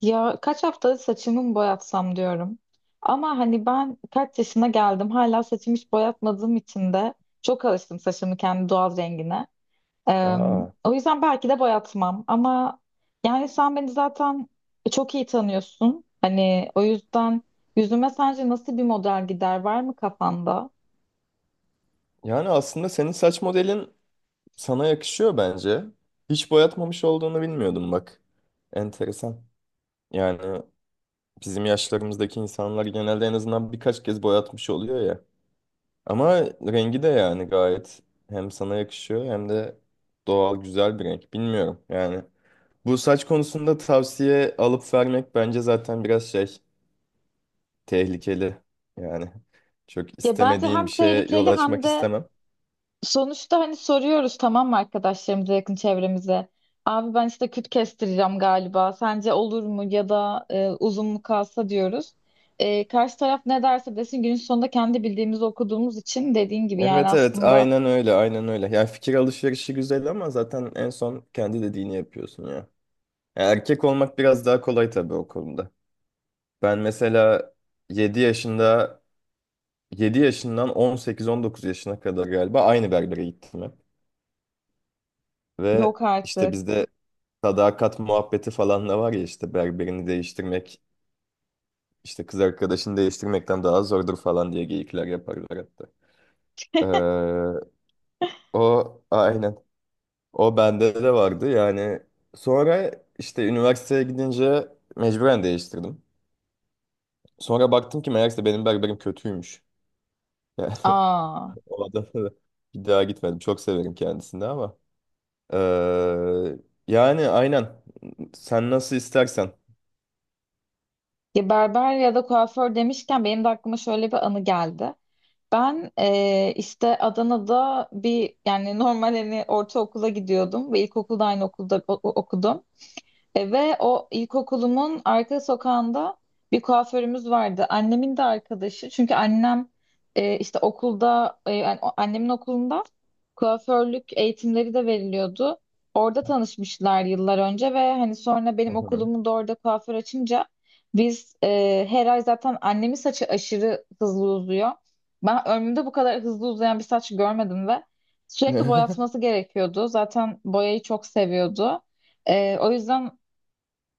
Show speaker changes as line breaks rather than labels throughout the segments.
Ya kaç haftadır saçımı mı boyatsam diyorum. Ama hani ben kaç yaşına geldim hala saçımı hiç boyatmadığım için de çok alıştım saçımı kendi doğal rengine. Ee,
Aa,
O yüzden belki de boyatmam ama yani sen beni zaten çok iyi tanıyorsun. Hani o yüzden yüzüme sence nasıl bir model gider, var mı kafanda?
yani aslında senin saç modelin sana yakışıyor bence. Hiç boyatmamış olduğunu bilmiyordum bak. Enteresan. Yani bizim yaşlarımızdaki insanlar genelde en azından birkaç kez boyatmış oluyor ya. Ama rengi de yani gayet hem sana yakışıyor hem de doğal güzel bir renk. Bilmiyorum yani. Bu saç konusunda tavsiye alıp vermek bence zaten biraz şey tehlikeli. Yani çok
Ya bence
istemediğin
hem
bir şeye yol
tehlikeli hem
açmak
de.
istemem.
Sonuçta hani soruyoruz, tamam mı, arkadaşlarımıza, yakın çevremize. Abi ben işte küt kestireceğim galiba. Sence olur mu ya da uzun mu kalsa diyoruz. Karşı taraf ne derse desin, günün sonunda kendi bildiğimizi okuduğumuz için, dediğin gibi yani
Evet evet
aslında.
aynen öyle aynen öyle. Yani fikir alışverişi güzel ama zaten en son kendi dediğini yapıyorsun ya. Yani erkek olmak biraz daha kolay tabii o konuda. Ben mesela 7 yaşında 7 yaşından 18 19 yaşına kadar galiba aynı berbere gittim hep. Ve
Yok
işte
artık.
bizde sadakat muhabbeti falan da var ya işte berberini değiştirmek işte kız arkadaşını değiştirmekten daha zordur falan diye geyikler yaparlar hatta. Ee, O aynen. O bende de vardı yani. Sonra işte üniversiteye gidince mecburen değiştirdim. Sonra baktım ki meğerse benim berberim kötüymüş. Yani
Aa.
o adamla da bir daha gitmedim. Çok severim kendisini ama. Ee, Yani aynen. Sen nasıl istersen.
Ya berber ya da kuaför demişken benim de aklıma şöyle bir anı geldi. Ben işte Adana'da bir yani normal hani ortaokula gidiyordum ve ilkokulda aynı okulda okudum. Ve o ilkokulumun arka sokağında bir kuaförümüz vardı. Annemin de arkadaşı. Çünkü annem işte okulda, yani annemin okulunda kuaförlük eğitimleri de veriliyordu. Orada tanışmışlar yıllar önce ve hani sonra
Hı
benim
hı.
okulumun da orada kuaför açınca biz, her ay, zaten annemin saçı aşırı hızlı uzuyor. Ben ömrümde bu kadar hızlı uzayan bir saç görmedim ve sürekli boyatması gerekiyordu. Zaten boyayı çok seviyordu. O yüzden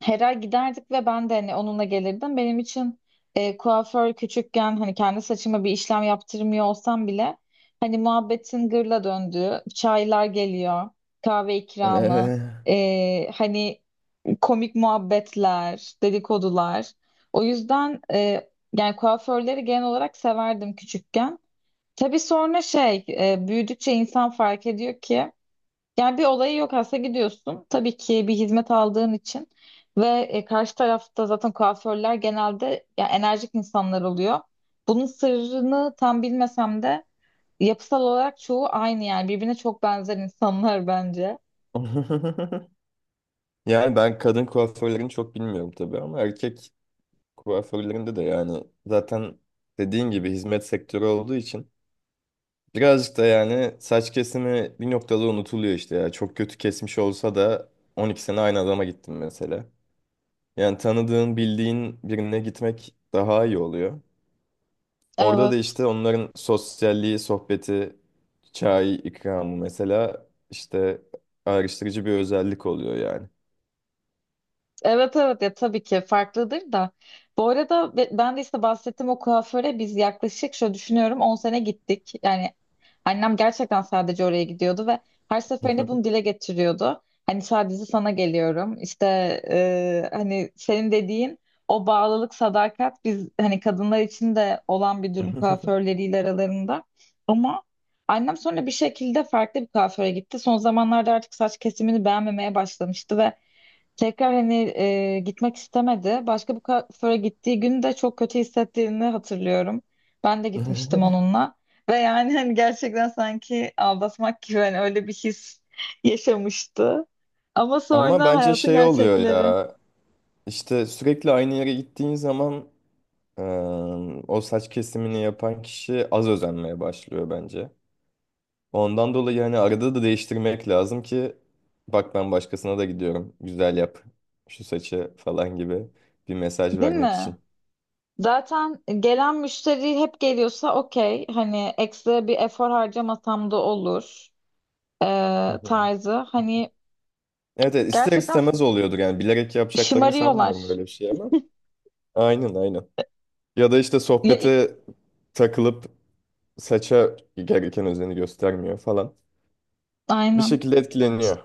her ay giderdik ve ben de hani onunla gelirdim. Benim için kuaför küçükken, hani kendi saçıma bir işlem yaptırmıyor olsam bile, hani muhabbetin gırla döndüğü, çaylar geliyor, kahve ikramı,
Ee,
hani komik muhabbetler, dedikodular. O yüzden yani kuaförleri genel olarak severdim küçükken. Tabii sonra şey, büyüdükçe insan fark ediyor ki yani bir olayı yok aslında, gidiyorsun. Tabii ki bir hizmet aldığın için ve karşı tarafta zaten kuaförler genelde ya enerjik insanlar oluyor. Bunun sırrını tam bilmesem de yapısal olarak çoğu aynı, yani birbirine çok benzer insanlar bence.
Yani ben kadın kuaförlerini çok bilmiyorum tabii ama erkek kuaförlerinde de yani zaten dediğin gibi hizmet sektörü olduğu için birazcık da yani saç kesimi bir noktada unutuluyor işte ya. Çok kötü kesmiş olsa da 12 sene aynı adama gittim mesela. Yani tanıdığın, bildiğin birine gitmek daha iyi oluyor. Orada da
Evet.
işte onların sosyalliği, sohbeti, çay ikramı mesela işte ayrıştırıcı bir özellik oluyor yani.
Evet, evet, ya tabii ki farklıdır da. Bu arada ben de işte bahsettim, o kuaföre biz yaklaşık, şöyle düşünüyorum, 10 sene gittik. Yani annem gerçekten sadece oraya gidiyordu ve her seferinde bunu dile getiriyordu. Hani sadece sana geliyorum. İşte hani senin dediğin o bağlılık, sadakat, biz hani kadınlar için de olan bir durum kuaförleriyle aralarında. Ama annem sonra bir şekilde farklı bir kuaföre gitti. Son zamanlarda artık saç kesimini beğenmemeye başlamıştı ve tekrar hani gitmek istemedi. Başka bir kuaföre gittiği gün de çok kötü hissettiğini hatırlıyorum. Ben de gitmiştim onunla. Ve yani hani gerçekten sanki aldatmak gibi, hani öyle bir his yaşamıştı. Ama
Ama
sonra
bence
hayatın
şey oluyor
gerçekleri.
ya. İşte sürekli aynı yere gittiğin zaman Ee, o saç kesimini yapan kişi az özenmeye başlıyor bence. Ondan dolayı hani arada da değiştirmek lazım ki bak ben başkasına da gidiyorum. Güzel yap şu saçı falan gibi bir mesaj
Değil
vermek
mi?
için.
Zaten gelen müşteri hep geliyorsa okey. Hani ekstra bir efor harcamasam da olur. e,
Hı hı.
tarzı. Hani
Evet, evet, ister
gerçekten
istemez oluyordur yani bilerek yapacaklarını sanmıyorum
şımarıyorlar.
böyle bir şey ama. Aynen aynen. Ya da işte
Ya,
sohbete takılıp saça gereken özeni göstermiyor falan. Bir
aynen.
şekilde etkileniyor.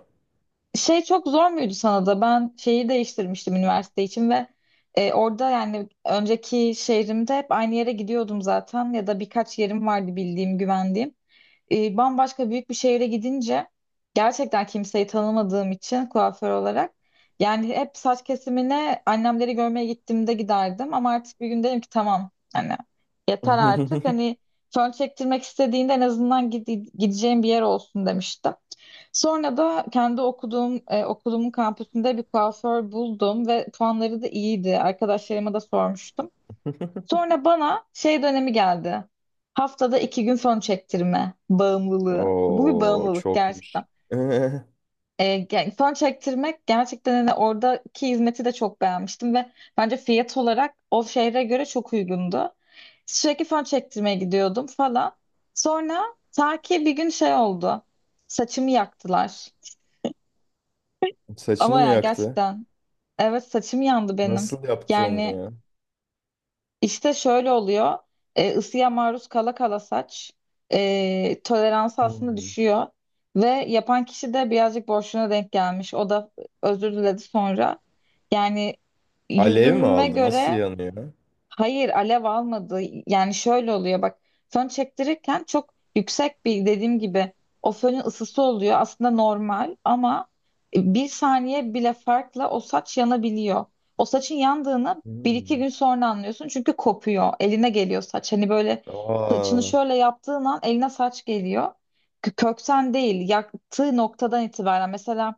Şey, çok zor muydu sana da? Ben şeyi değiştirmiştim üniversite için ve orada yani önceki şehrimde hep aynı yere gidiyordum zaten, ya da birkaç yerim vardı bildiğim, güvendiğim. Bambaşka büyük bir şehre gidince gerçekten kimseyi tanımadığım için kuaför olarak, yani hep saç kesimine annemleri görmeye gittiğimde giderdim, ama artık bir gün dedim ki tamam hani yeter artık, hani fön çektirmek istediğinde en azından gideceğim bir yer olsun, demiştim. Sonra da kendi okuduğum okulumun kampüsünde bir kuaför buldum ve puanları da iyiydi. Arkadaşlarıma da sormuştum. Sonra bana şey dönemi geldi. Haftada 2 gün fön çektirme bağımlılığı. Bu bir
Oo
bağımlılık
çokmuş.
gerçekten.
Ee,
Yani fön çektirmek gerçekten, hani oradaki hizmeti de çok beğenmiştim ve bence fiyat olarak o şehre göre çok uygundu. Sürekli fön çektirmeye gidiyordum falan. Sonra ta ki bir gün şey oldu. Saçımı yaktılar.
Saçını
Ama
mı
yani
yaktı?
gerçekten, evet, saçım yandı benim.
Nasıl yaptı onu
Yani
ya?
işte şöyle oluyor. Isıya maruz kala kala saç toleransı aslında
Hmm.
düşüyor. Ve yapan kişi de birazcık boşluğuna denk gelmiş. O da özür diledi sonra. Yani
Alev mi
yüzüme
aldı? Nasıl
göre.
yanıyor?
Hayır, alev almadı. Yani şöyle oluyor bak, fön çektirirken çok yüksek bir, dediğim gibi, o fönün ısısı oluyor aslında normal, ama bir saniye bile farkla o saç yanabiliyor. O saçın yandığını bir iki
Hmm.
gün sonra anlıyorsun, çünkü kopuyor, eline geliyor saç. Hani böyle
Aa.
saçını şöyle yaptığın an eline saç geliyor. Kökten değil, yaktığı noktadan itibaren. Mesela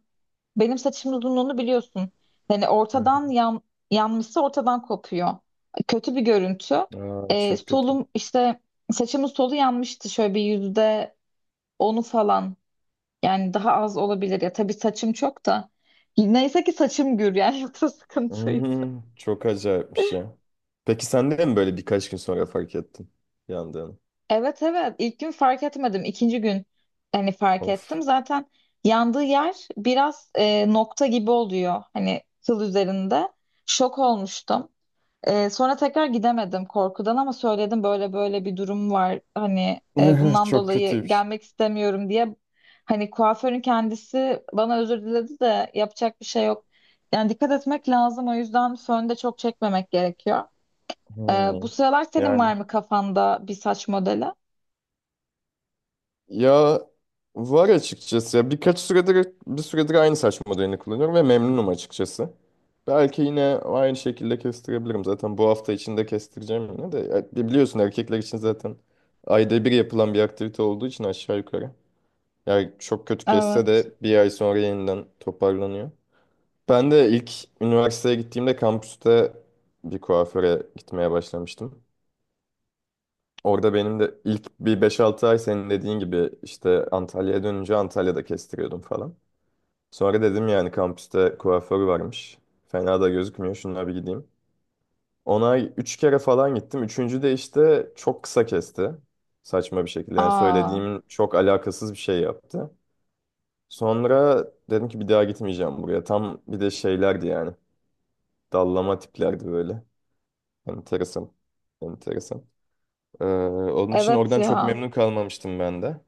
benim saçımın uzunluğunu biliyorsun. Yani
Hı.
ortadan yanmışsa ortadan kopuyor. Kötü bir görüntü.
hı. Aa, çok kötü.
Solum işte, saçımın solu yanmıştı, şöyle bir %10'u falan. Yani daha az olabilir ya. Tabii saçım çok da. Neyse ki saçım gür yani yoksa sıkıntıydı.
Hmm, çok acayipmiş ya. Peki sen de mi böyle birkaç gün sonra fark ettin yandığını?
Evet, evet, ilk gün fark etmedim. İkinci gün hani fark
Of.
ettim. Zaten yandığı yer biraz nokta gibi oluyor. Hani kıl üzerinde. Şok olmuştum. Sonra tekrar gidemedim korkudan, ama söyledim böyle böyle bir durum var. Hani bundan
Çok
dolayı
kötüymüş.
gelmek istemiyorum diye. Hani kuaförün kendisi bana özür diledi de yapacak bir şey yok. Yani dikkat etmek lazım, o yüzden fön de çok çekmemek gerekiyor. Bu
Hmm.
sıralar senin
Yani
var mı kafanda bir saç modeli?
ya var açıkçası. Ya bir süredir aynı saç modelini kullanıyorum ve memnunum açıkçası. Belki yine aynı şekilde kestirebilirim. Zaten bu hafta içinde kestireceğim yine de. Ya biliyorsun erkekler için zaten ayda bir yapılan bir aktivite olduğu için aşağı yukarı. Yani çok kötü kesse
Evet.
de bir ay sonra yeniden toparlanıyor. Ben de ilk üniversiteye gittiğimde kampüste bir kuaföre gitmeye başlamıştım. Orada benim de ilk bir beş altı ay senin dediğin gibi işte Antalya'ya dönünce Antalya'da kestiriyordum falan. Sonra dedim yani kampüste kuaför varmış. Fena da gözükmüyor şunlara bir gideyim. Ona ay 3 kere falan gittim. Üçüncü de işte çok kısa kesti. Saçma bir şekilde yani
Aa,
söylediğimin çok alakasız bir şey yaptı. Sonra dedim ki bir daha gitmeyeceğim buraya. Tam bir de şeylerdi yani. Dallama tiplerdi böyle. Enteresan. Enteresan. Ee, Onun için
evet
oradan çok
ya.
memnun kalmamıştım ben de.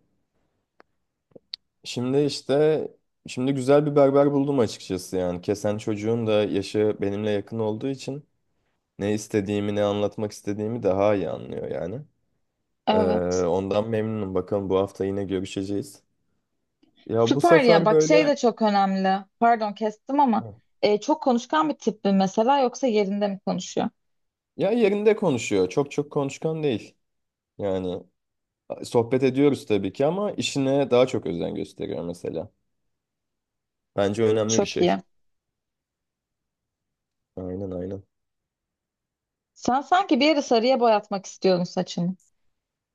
Şimdi işte Şimdi güzel bir berber buldum açıkçası yani. Kesen çocuğun da yaşı benimle yakın olduğu için ne istediğimi ne anlatmak istediğimi daha iyi anlıyor yani. Ee,
Evet.
Ondan memnunum. Bakalım bu hafta yine görüşeceğiz. Ya bu
Süper ya.
sefer
Bak şey
böyle
de çok önemli. Pardon kestim ama çok konuşkan bir tip mi mesela, yoksa yerinde mi konuşuyor?
ya yerinde konuşuyor. Çok çok konuşkan değil. Yani sohbet ediyoruz tabii ki ama işine daha çok özen gösteriyor mesela. Bence önemli bir
Çok
şey.
iyi.
Aynen aynen.
Sen sanki bir yeri sarıya boyatmak istiyordun saçını.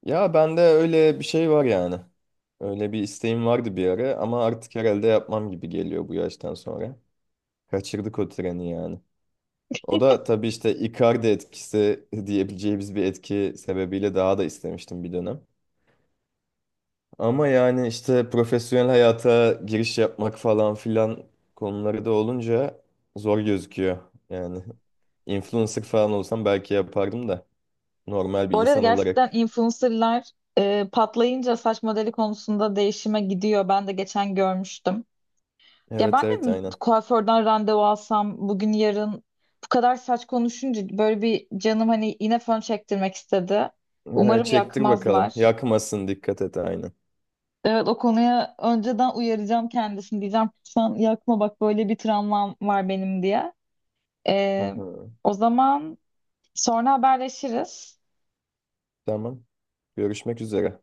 Ya bende öyle bir şey var yani. Öyle bir isteğim vardı bir ara ama artık herhalde yapmam gibi geliyor bu yaştan sonra. Kaçırdık o treni yani. O da tabii işte Icardi etkisi diyebileceğimiz bir etki sebebiyle daha da istemiştim bir dönem. Ama yani işte profesyonel hayata giriş yapmak falan filan konuları da olunca zor gözüküyor. Yani influencer falan olsam belki yapardım da normal bir
Bu arada
insan
gerçekten
olarak.
influencerlar patlayınca saç modeli konusunda değişime gidiyor. Ben de geçen görmüştüm. Ya
Evet
ben de
evet
mi
aynen.
kuaförden randevu alsam bugün yarın, bu kadar saç konuşunca böyle bir canım, hani, yine fön çektirmek istedi. Umarım
Çektir bakalım.
yakmazlar.
Yakmasın dikkat et aynen.
Evet, o konuya önceden uyaracağım kendisini. Diyeceğim, sen yakma, bak, böyle bir travmam var benim diye.
Hı
E,
hı.
O zaman sonra haberleşiriz.
Tamam. Görüşmek üzere.